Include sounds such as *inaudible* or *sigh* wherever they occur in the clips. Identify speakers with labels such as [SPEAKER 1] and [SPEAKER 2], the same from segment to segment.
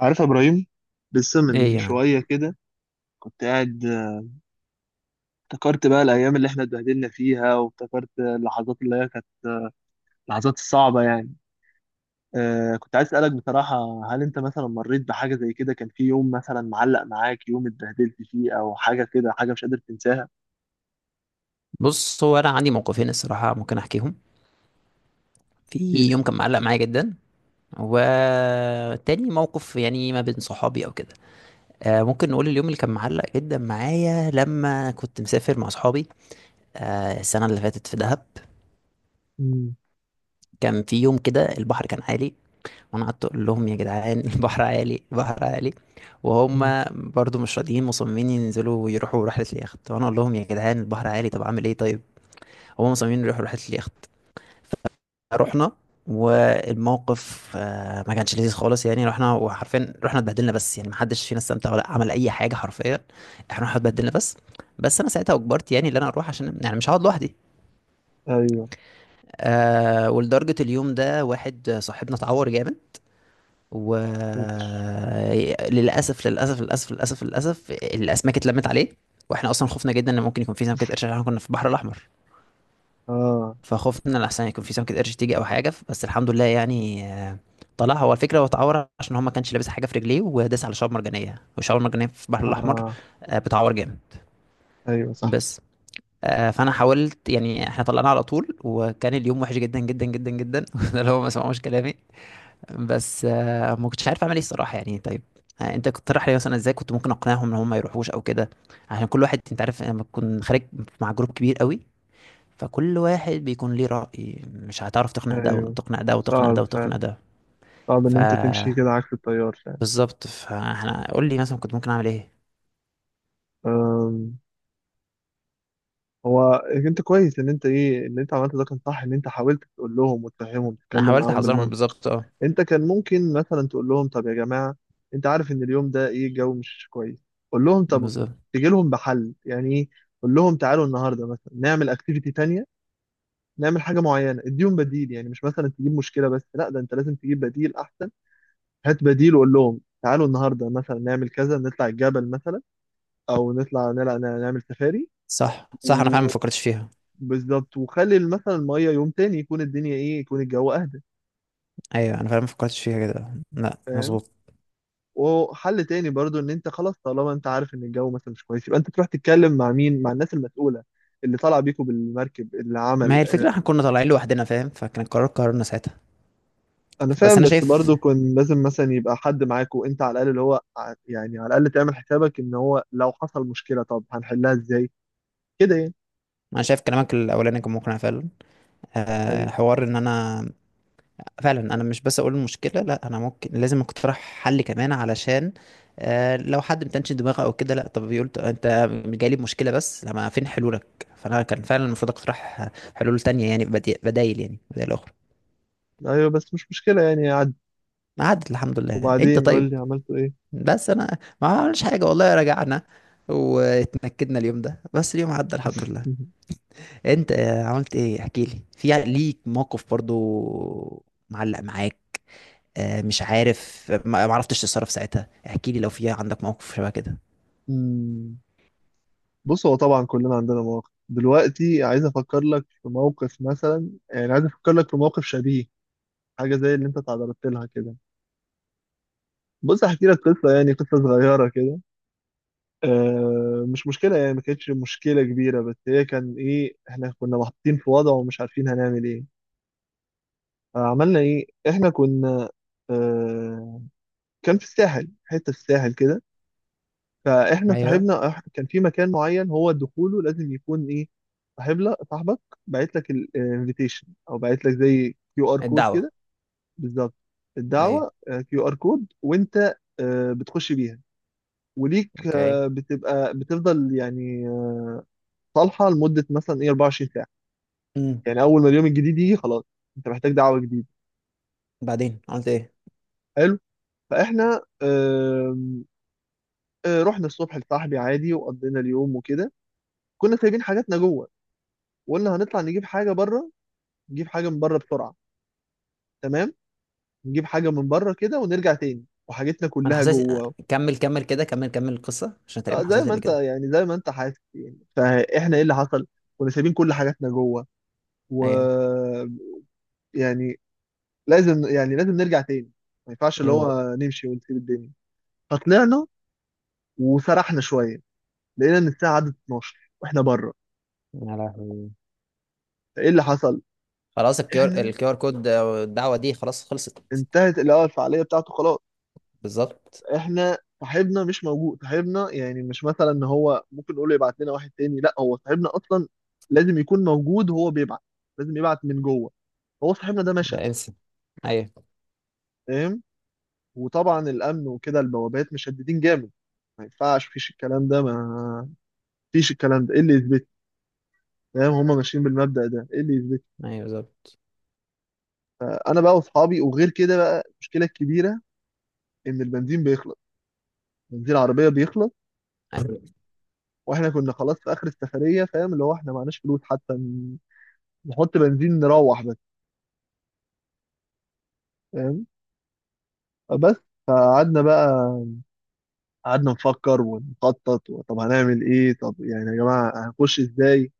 [SPEAKER 1] عارف يا ابراهيم؟ لسه
[SPEAKER 2] ايه
[SPEAKER 1] من
[SPEAKER 2] يعني؟
[SPEAKER 1] شويه كده كنت قاعد، افتكرت بقى الايام اللي احنا اتبهدلنا فيها، وافتكرت اللحظات اللي هي كانت اللحظات الصعبه يعني. كنت عايز اسالك بصراحه، هل انت مثلا مريت بحاجه زي كده؟ كان في يوم مثلا معلق معاك، يوم اتبهدلت فيه او حاجه كده، حاجه مش قادر تنساها؟
[SPEAKER 2] بص، هو انا عندي موقفين الصراحه ممكن احكيهم.
[SPEAKER 1] احكي
[SPEAKER 2] في
[SPEAKER 1] لي.
[SPEAKER 2] يوم كان معلق معايا جدا، وتاني موقف يعني، ما بين صحابي او كده. ممكن نقول اليوم اللي كان معلق جدا معايا لما كنت مسافر مع صحابي. السنه اللي فاتت في دهب،
[SPEAKER 1] امم.
[SPEAKER 2] كان في يوم كده البحر كان عالي، وانا قعدت اقول لهم يا جدعان، *laughs* البحر عالي البحر عالي، وهم
[SPEAKER 1] أمم.
[SPEAKER 2] برضو مش راضيين، مصممين ينزلوا ويروحوا رحله اليخت، وانا اقول لهم يا جدعان البحر عالي، طب اعمل ايه؟ طيب، هم مصممين يروحوا رحله اليخت. رحنا، والموقف ما كانش لذيذ خالص، يعني رحنا، وحرفيا رحنا اتبهدلنا بس، يعني ما حدش فينا استمتع ولا عمل اي حاجه حرفيا. احنا رحنا اتبهدلنا بس. بس انا ساعتها اجبرت، يعني ان انا اروح عشان يعني مش هقعد لوحدي.
[SPEAKER 1] ايوه.
[SPEAKER 2] ولدرجه اليوم ده واحد صاحبنا اتعور جامد،
[SPEAKER 1] فاكر.
[SPEAKER 2] وللاسف للاسف للاسف للاسف للاسف الاسماك اتلمت عليه، واحنا اصلا خفنا جدا ان ممكن يكون في سمكه قرش، عشان احنا كنا في البحر الاحمر،
[SPEAKER 1] اه.
[SPEAKER 2] فخفنا لحسن يكون في سمكة قرش تيجي أو حاجة، بس الحمد لله يعني. طلع هو الفكرة هو اتعور عشان هو ما كانش لابس حاجة في رجليه، وداس على شعاب مرجانية، والشعاب المرجانية في البحر الأحمر
[SPEAKER 1] اه.
[SPEAKER 2] بتعور جامد.
[SPEAKER 1] ايوه صح.
[SPEAKER 2] بس فأنا حاولت، يعني احنا طلعنا على طول، وكان اليوم وحش جدا جدا جدا جدا *laughs* ده اللي هو ما سمعوش كلامي. بس ما كنتش عارف أعمل إيه الصراحة، يعني. طيب، انت كنت تقترح لي مثلا، ازاي كنت ممكن اقنعهم ان هم ما يروحوش او كده؟ عشان كل واحد، انت عارف، لما تكون خارج مع جروب كبير قوي، فكل واحد بيكون ليه رأي، مش هتعرف تقنع ده
[SPEAKER 1] ايوه،
[SPEAKER 2] وتقنع ده وتقنع
[SPEAKER 1] صعب
[SPEAKER 2] ده وتقنع
[SPEAKER 1] فعلا.
[SPEAKER 2] ده.
[SPEAKER 1] صعب ان
[SPEAKER 2] ف
[SPEAKER 1] انت تمشي كده عكس التيار.
[SPEAKER 2] بالظبط، فاحنا، قول لي مثلا كنت ممكن اعمل ايه؟
[SPEAKER 1] فعلا. هو انت كويس ان انت ايه، ان انت عملت ده كان صح، ان انت حاولت تقول لهم وتفهمهم،
[SPEAKER 2] انا
[SPEAKER 1] تتكلم
[SPEAKER 2] حاولت
[SPEAKER 1] معاهم
[SPEAKER 2] احذرهم
[SPEAKER 1] بالمنطق.
[SPEAKER 2] بالظبط،
[SPEAKER 1] انت كان ممكن مثلا تقول لهم: طب يا جماعه، انت عارف ان اليوم ده ايه، الجو مش كويس. قول لهم طب،
[SPEAKER 2] بالظبط.
[SPEAKER 1] تيجي لهم بحل يعني، ايه، قول لهم تعالوا النهارده مثلا نعمل اكتيفيتي تانية، نعمل حاجه معينه، اديهم بديل. يعني مش مثلا تجيب مشكله بس، لا، ده انت لازم تجيب بديل احسن. هات بديل وقول لهم تعالوا النهارده مثلا نعمل كذا، نطلع الجبل مثلا، او نطلع نعمل
[SPEAKER 2] صح صح، انا فعلا ما
[SPEAKER 1] سفاري.
[SPEAKER 2] فكرتش فيها.
[SPEAKER 1] بالظبط. وخلي مثلا الميه يوم تاني، يكون الدنيا ايه، يكون الجو اهدى.
[SPEAKER 2] ايوه، انا فعلا ما فكرتش فيها كده، لا،
[SPEAKER 1] فاهم.
[SPEAKER 2] مظبوط.
[SPEAKER 1] وحل تاني برضو، ان انت خلاص طالما انت عارف ان الجو مثلا مش كويس، يبقى انت تروح تتكلم مع مين، مع الناس المسؤوله اللي طالع بيكوا بالمركب، اللي
[SPEAKER 2] ما
[SPEAKER 1] عمل
[SPEAKER 2] هي الفكره احنا كنا طالعين لوحدنا، فاهم؟ فكان القرار قرارنا ساعتها.
[SPEAKER 1] انا
[SPEAKER 2] بس
[SPEAKER 1] فاهم.
[SPEAKER 2] انا
[SPEAKER 1] بس
[SPEAKER 2] شايف
[SPEAKER 1] برضو كان لازم مثلا يبقى حد معاكوا، انت على الاقل اللي هو يعني على الاقل تعمل حسابك ان هو لو حصل مشكله طب هنحلها ازاي، كده يعني.
[SPEAKER 2] انا شايف كلامك الاولاني كان مقنع فعلا.
[SPEAKER 1] ايوه.
[SPEAKER 2] حوار ان انا فعلا انا مش بس اقول المشكله، لا، انا ممكن لازم اقترح حل كمان، علشان لو حد متنش دماغه او كده، لا طب بيقول، انت جاي لي بمشكله، بس لما فين حلولك؟ فانا كان فعلا المفروض اقترح حلول تانية، يعني بدايل، يعني بدايل اخرى.
[SPEAKER 1] ايوه، بس مش مشكله يعني، عدي.
[SPEAKER 2] عدت الحمد لله، انت
[SPEAKER 1] وبعدين
[SPEAKER 2] طيب.
[SPEAKER 1] قول لي، عملتوا ايه؟
[SPEAKER 2] بس انا ما عملش حاجه والله، رجعنا واتنكدنا اليوم ده، بس اليوم عدى الحمد لله. انت عملت ايه؟ احكي لي، في ليك موقف برضو معلق معاك؟ مش عارف، ما عرفتش تتصرف ساعتها؟ احكي لي لو في عندك موقف شبه كده.
[SPEAKER 1] *laughs* بص، هو طبعا كلنا عندنا مواقف، دلوقتي عايز افكر لك في موقف مثلا، يعني عايز افكر لك في موقف شبيه، حاجه زي اللي انت تعرضت لها كده. بص احكي لك قصه، يعني قصه صغيره كده. مش مشكله يعني، ما كانتش مشكله كبيره، بس هي كان ايه، احنا كنا محطين في وضع ومش عارفين هنعمل ايه. فعملنا ايه، احنا كنا، آه كان في الساحل، حته في الساحل كده. فاحنا
[SPEAKER 2] ايوه،
[SPEAKER 1] صاحبنا كان في مكان معين، هو دخوله لازم يكون ايه، صاحب لك، صاحبك باعت لك الانفيتيشن، او باعت لك زي كيو ار كود
[SPEAKER 2] الدعوة.
[SPEAKER 1] كده. بالظبط،
[SPEAKER 2] ايوه.
[SPEAKER 1] الدعوه، كيو ار كود. وانت بتخش بيها، وليك
[SPEAKER 2] اوكي.
[SPEAKER 1] بتبقى بتفضل يعني، صالحه لمده مثلا ايه 24 ساعه،
[SPEAKER 2] امم.
[SPEAKER 1] يعني اول ما اليوم الجديد يجي خلاص، انت محتاج دعوه جديده.
[SPEAKER 2] بعدين عملت ايه؟
[SPEAKER 1] حلو. فاحنا رحنا الصبح لصاحبي عادي، وقضينا اليوم وكده. كنا سايبين حاجاتنا جوه، وقلنا هنطلع نجيب حاجه بره، نجيب حاجه من بره بسرعه، تمام، نجيب حاجه من بره كده ونرجع تاني، وحاجتنا
[SPEAKER 2] انا
[SPEAKER 1] كلها
[SPEAKER 2] حسيت،
[SPEAKER 1] جوه.
[SPEAKER 2] كمل كمل كده، كمل كمل القصة عشان تقريبا
[SPEAKER 1] زي
[SPEAKER 2] حصلت لي
[SPEAKER 1] ما
[SPEAKER 2] قبل
[SPEAKER 1] انت
[SPEAKER 2] كده.
[SPEAKER 1] زي ما انت حاسس يعني. فاحنا ايه اللي حصل، كنا سايبين كل حاجاتنا جوه، و
[SPEAKER 2] ايوه.
[SPEAKER 1] يعني لازم نرجع تاني، ما ينفعش اللي
[SPEAKER 2] امم.
[SPEAKER 1] هو نمشي ونسيب الدنيا. فطلعنا وسرحنا شويه، لقينا ان الساعه عدت 12 واحنا بره.
[SPEAKER 2] يا لهوي!
[SPEAKER 1] فايه اللي حصل،
[SPEAKER 2] خلاص،
[SPEAKER 1] احنا،
[SPEAKER 2] الكيو ار كود، الدعوة دي خلاص خلصت.
[SPEAKER 1] انتهت اللي هو الفعاليه بتاعته خلاص.
[SPEAKER 2] بالظبط،
[SPEAKER 1] احنا صاحبنا مش موجود، صاحبنا يعني مش مثلا ان هو ممكن نقول له يبعت لنا واحد تاني، لا، هو صاحبنا اصلا لازم يكون موجود، وهو بيبعت لازم يبعت من جوه، هو صاحبنا ده مشى.
[SPEAKER 2] ده انسى. ايوه،
[SPEAKER 1] فاهم. وطبعا الامن وكده البوابات مشددين جامد، ما ينفعش فيش الكلام ده، ما فيش الكلام ده ايه اللي يثبت، فاهم، هما ماشيين بالمبدأ ده، ايه اللي يثبت.
[SPEAKER 2] ايوه. بالظبط.
[SPEAKER 1] انا بقى واصحابي، وغير كده بقى المشكله الكبيره ان البنزين بيخلص، بنزين العربيه بيخلص،
[SPEAKER 2] *laughs* أيوة.
[SPEAKER 1] واحنا كنا خلاص في اخر السفريه، فاهم اللي هو احنا معناش فلوس حتى نحط بنزين نروح بس، فاهم. بس فقعدنا بقى، قعدنا نفكر ونخطط، طب هنعمل ايه، طب يعني يا جماعة هنخش ازاي؟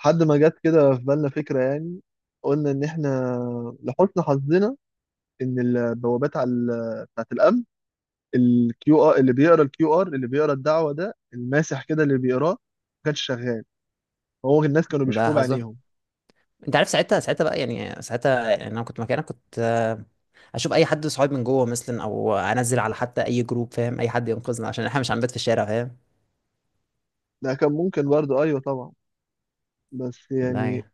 [SPEAKER 1] لحد ما جت كده في بالنا فكرة يعني، قلنا ان احنا لحسن حظنا ان البوابات على بتاعت الامن، الكيو ار اللي بيقرا، الكيو ار اللي بيقرا الدعوة ده، الماسح كده اللي بيقراه، ما كانش شغال. هو الناس كانوا
[SPEAKER 2] ده
[SPEAKER 1] بيشوفوه
[SPEAKER 2] حظك،
[SPEAKER 1] بعينيهم.
[SPEAKER 2] انت عارف ساعتها بقى، يعني ساعتها، يعني انا كنت مكانك، كنت. اشوف اي حد صحابي من جوه مثلا، او انزل على حتى اي جروب، فاهم، اي حد ينقذنا عشان احنا مش هنبات في الشارع، فاهم؟
[SPEAKER 1] لا كان ممكن برضه، ايوه طبعا، بس
[SPEAKER 2] ده
[SPEAKER 1] يعني
[SPEAKER 2] يعني.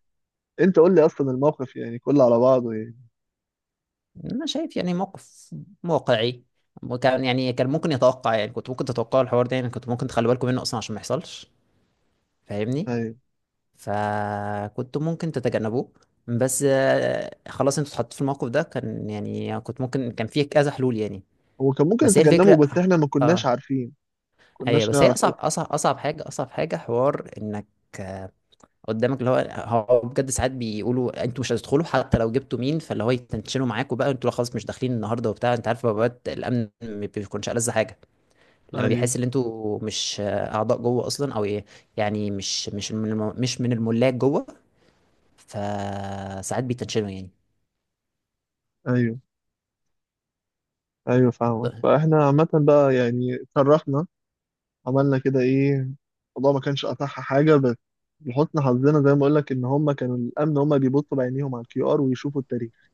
[SPEAKER 1] انت قول لي اصلا الموقف يعني كله على بعضه،
[SPEAKER 2] انا شايف يعني موقف واقعي، وكان يعني كان ممكن يتوقع، يعني كنت ممكن تتوقع الحوار ده، يعني كنت ممكن تخلوا بالكم منه اصلا عشان ما يحصلش. فاهمني؟
[SPEAKER 1] يعني
[SPEAKER 2] فكنت ممكن تتجنبوه. بس خلاص انتوا اتحطيتوا في الموقف ده، كان يعني كنت ممكن، كان فيه كذا حلول يعني.
[SPEAKER 1] هو كان ممكن
[SPEAKER 2] بس هي الفكرة.
[SPEAKER 1] يتجنبه بس احنا ما كناش
[SPEAKER 2] اه
[SPEAKER 1] عارفين،
[SPEAKER 2] ايوه،
[SPEAKER 1] كناش
[SPEAKER 2] بس هي
[SPEAKER 1] نعرف
[SPEAKER 2] اصعب
[SPEAKER 1] اصلا.
[SPEAKER 2] اصعب اصعب حاجه، اصعب حاجه، حوار انك آه، قدامك اللي هو، هو بجد ساعات بيقولوا انتوا مش هتدخلوا حتى لو جبتوا مين، فاللي هو يتنشنوا معاكوا بقى، انتوا لا، خلاص مش داخلين النهارده وبتاع، انت عارف بقى الامن ما بيكونش ألذ حاجه لما
[SPEAKER 1] ايوه.
[SPEAKER 2] بيحس ان انتوا مش اعضاء جوه اصلا، او ايه، يعني مش مش مش من الملاك جوه. فساعات بيتنشنوا يعني.
[SPEAKER 1] ايوه. ايوه فاهمك.
[SPEAKER 2] طيب.
[SPEAKER 1] فاحنا عامة بقى يعني اتشرفنا، عملنا كده ايه، الموضوع ما كانش اصح حاجة، بس لحسن حظنا زي ما اقول لك ان هم كانوا الامن هم بيبصوا بعينيهم على الكيو ار ويشوفوا التاريخ،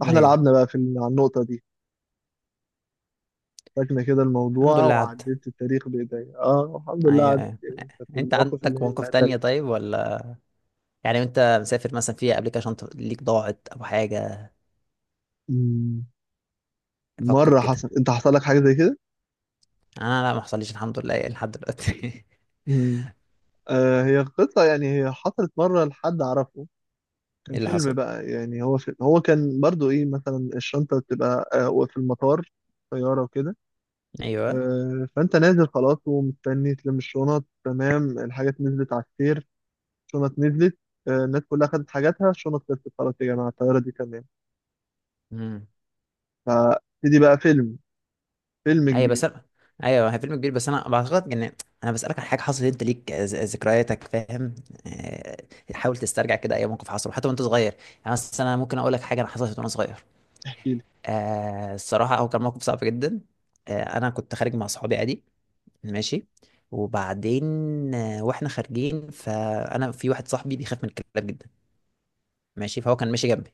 [SPEAKER 1] فاحنا
[SPEAKER 2] ايوه،
[SPEAKER 1] لعبنا بقى في على النقطة دي. فاكنا كده
[SPEAKER 2] الحمد
[SPEAKER 1] الموضوع،
[SPEAKER 2] لله عدى.
[SPEAKER 1] وعديت التاريخ بايديا، اه الحمد لله
[SPEAKER 2] ايوه
[SPEAKER 1] عدت
[SPEAKER 2] ايوه.
[SPEAKER 1] يعني، كانت
[SPEAKER 2] انت
[SPEAKER 1] المواقف اللي
[SPEAKER 2] عندك
[SPEAKER 1] هي
[SPEAKER 2] مواقف تانية
[SPEAKER 1] بهدلة.
[SPEAKER 2] طيب، ولا؟ يعني انت مسافر مثلا، في ابلكيشن ليك ضاعت او حاجه؟
[SPEAKER 1] مم.
[SPEAKER 2] افكر
[SPEAKER 1] مرة
[SPEAKER 2] كده.
[SPEAKER 1] حصل، انت حصل لك حاجة زي كده؟
[SPEAKER 2] انا لا، ما حصليش الحمد لله، إيه، لحد دلوقتي *laughs*
[SPEAKER 1] آه، هي قصة يعني، هي حصلت مرة لحد أعرفه، كان
[SPEAKER 2] ايه اللي
[SPEAKER 1] فيلم
[SPEAKER 2] حصل؟
[SPEAKER 1] بقى يعني. هو كان برضو إيه، مثلا الشنطة بتبقى آه في المطار، طيارة وكده.
[SPEAKER 2] ايوه.
[SPEAKER 1] آه، فأنت نازل خلاص ومستني تلم الشنط، تمام، الحاجات نزلت على السير، الشنط نزلت، آه الناس كلها خدت حاجاتها، الشنط خلصت خلاص يا جماعة، الطيارة دي تمام.
[SPEAKER 2] امم.
[SPEAKER 1] فابتدي بقى فيلم، فيلم
[SPEAKER 2] ايوه بس
[SPEAKER 1] كبير.
[SPEAKER 2] أنا... ايوه هي فيلم كبير، بس انا بعتقد ان انا بسالك عن حاجه حصلت انت ليك، ذكرياتك، فاهم؟ آه، حاول تسترجع كده اي موقف حصل حتى وانت صغير. يعني مثلا انا ممكن اقول لك حاجه انا حصلت وانا صغير.
[SPEAKER 1] احكي لي.
[SPEAKER 2] الصراحه هو كان موقف صعب جدا. انا كنت خارج مع صحابي عادي، ماشي، وبعدين واحنا خارجين، فانا في واحد صاحبي بيخاف من الكلاب جدا، ماشي، فهو كان ماشي جنبي،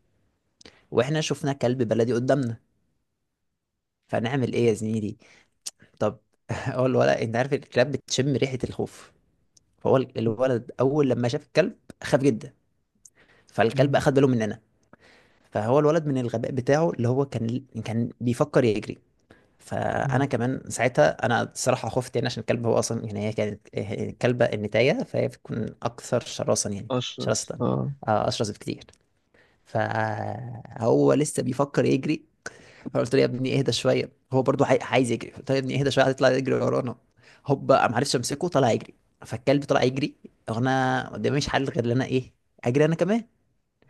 [SPEAKER 2] واحنا شفنا كلب بلدي قدامنا. فنعمل ايه يا زميلي؟ طب، *laughs* هو الولد، انت عارف الكلاب بتشم ريحة الخوف، فهو الولد اول لما شاف الكلب خاف جدا، فالكلب اخد باله مننا، فهو الولد من الغباء بتاعه اللي هو كان بيفكر يجري، فانا كمان ساعتها انا الصراحه خفت، يعني عشان الكلب هو اصلا، يعني هي كانت، هي كلبه النتايه، فهي بتكون اكثر شراسه يعني.
[SPEAKER 1] أشرس،
[SPEAKER 2] شراسه،
[SPEAKER 1] آه.
[SPEAKER 2] اشرس بكتير. فهو لسه بيفكر يجري، فقلت له يا ابني اهدى شويه، هو برضو عايز يجري. قلت له يا ابني اهدى شويه، هتطلع يجري ورانا. هوب، ما عرفتش امسكه، طلع يجري، فالكلب طلع يجري، وانا قدامي مش حل غير ان انا ايه، اجري انا كمان.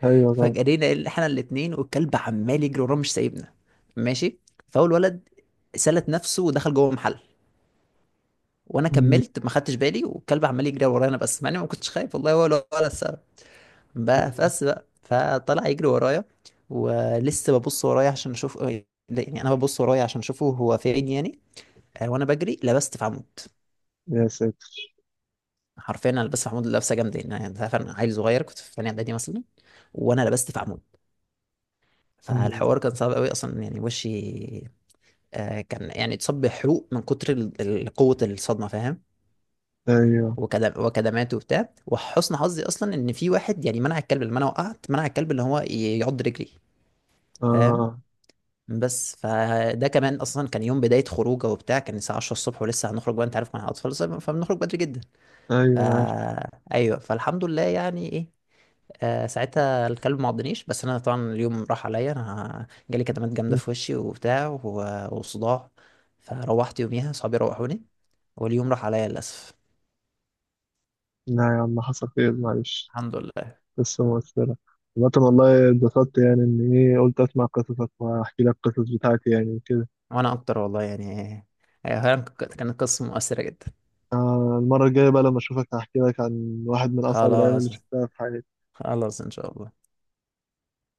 [SPEAKER 1] أيوة طبعا.
[SPEAKER 2] فجرينا احنا الاثنين، والكلب عمال يجري ورانا مش سايبنا، ماشي، فاول ولد سلت نفسه ودخل جوه محل، وانا
[SPEAKER 1] مم.
[SPEAKER 2] كملت ما خدتش بالي، والكلب عمال يجري ورانا، بس مع اني ما كنتش خايف والله، ولا السبب بقى، بس بقى فطلع يجري ورايا، ولسه ببص ورايا عشان اشوف، يعني انا ببص ورايا عشان اشوفه هو فين يعني. وانا بجري لبست في عمود،
[SPEAKER 1] يا ساتر.
[SPEAKER 2] حرفيا انا لبست في عمود لبسه جامده، يعني انت عارف، انا عيل صغير، كنت في ثانيه اعدادي مثلا، وانا لبست في عمود.
[SPEAKER 1] مم.
[SPEAKER 2] فالحوار كان صعب قوي اصلا، يعني وشي كان، يعني اتصاب بحروق من كتر قوه الصدمه، فاهم،
[SPEAKER 1] ايوه.
[SPEAKER 2] وكدمات وبتاع. وحسن حظي اصلا ان في واحد يعني منع الكلب، لما انا وقعت منع الكلب اللي هو يعض رجلي، فاهم؟
[SPEAKER 1] آه.
[SPEAKER 2] بس فده كمان اصلا كان يوم بدايه خروجه وبتاع، كان الساعه 10 الصبح، ولسه هنخرج بقى، انت عارف مع الاطفال فبنخرج بدري جدا.
[SPEAKER 1] أيوة أنا عارف.
[SPEAKER 2] ايوه، فالحمد لله يعني ايه، ساعتها الكلب ما عضنيش، بس انا طبعا اليوم راح عليا، انا جالي كدمات جامده في وشي وبتاع و- وصداع، فروحت يوميها صحابي روحوني، واليوم راح عليا للاسف.
[SPEAKER 1] لا يا عم حصل خير، معلش.
[SPEAKER 2] الحمد لله.
[SPEAKER 1] قصة مؤثرة. عامة والله اتبسطت يعني، إن إيه، قلت أسمع قصصك وأحكي لك القصص بتاعتي يعني وكده.
[SPEAKER 2] وانا اكتر والله، يعني هي كانت قصه مؤثره جدا.
[SPEAKER 1] آه، المرة الجاية بقى لما أشوفك هحكي لك عن واحد من أصعب الأيام اللي
[SPEAKER 2] خلاص،
[SPEAKER 1] شفتها في حياتي.
[SPEAKER 2] خلاص ان شاء الله.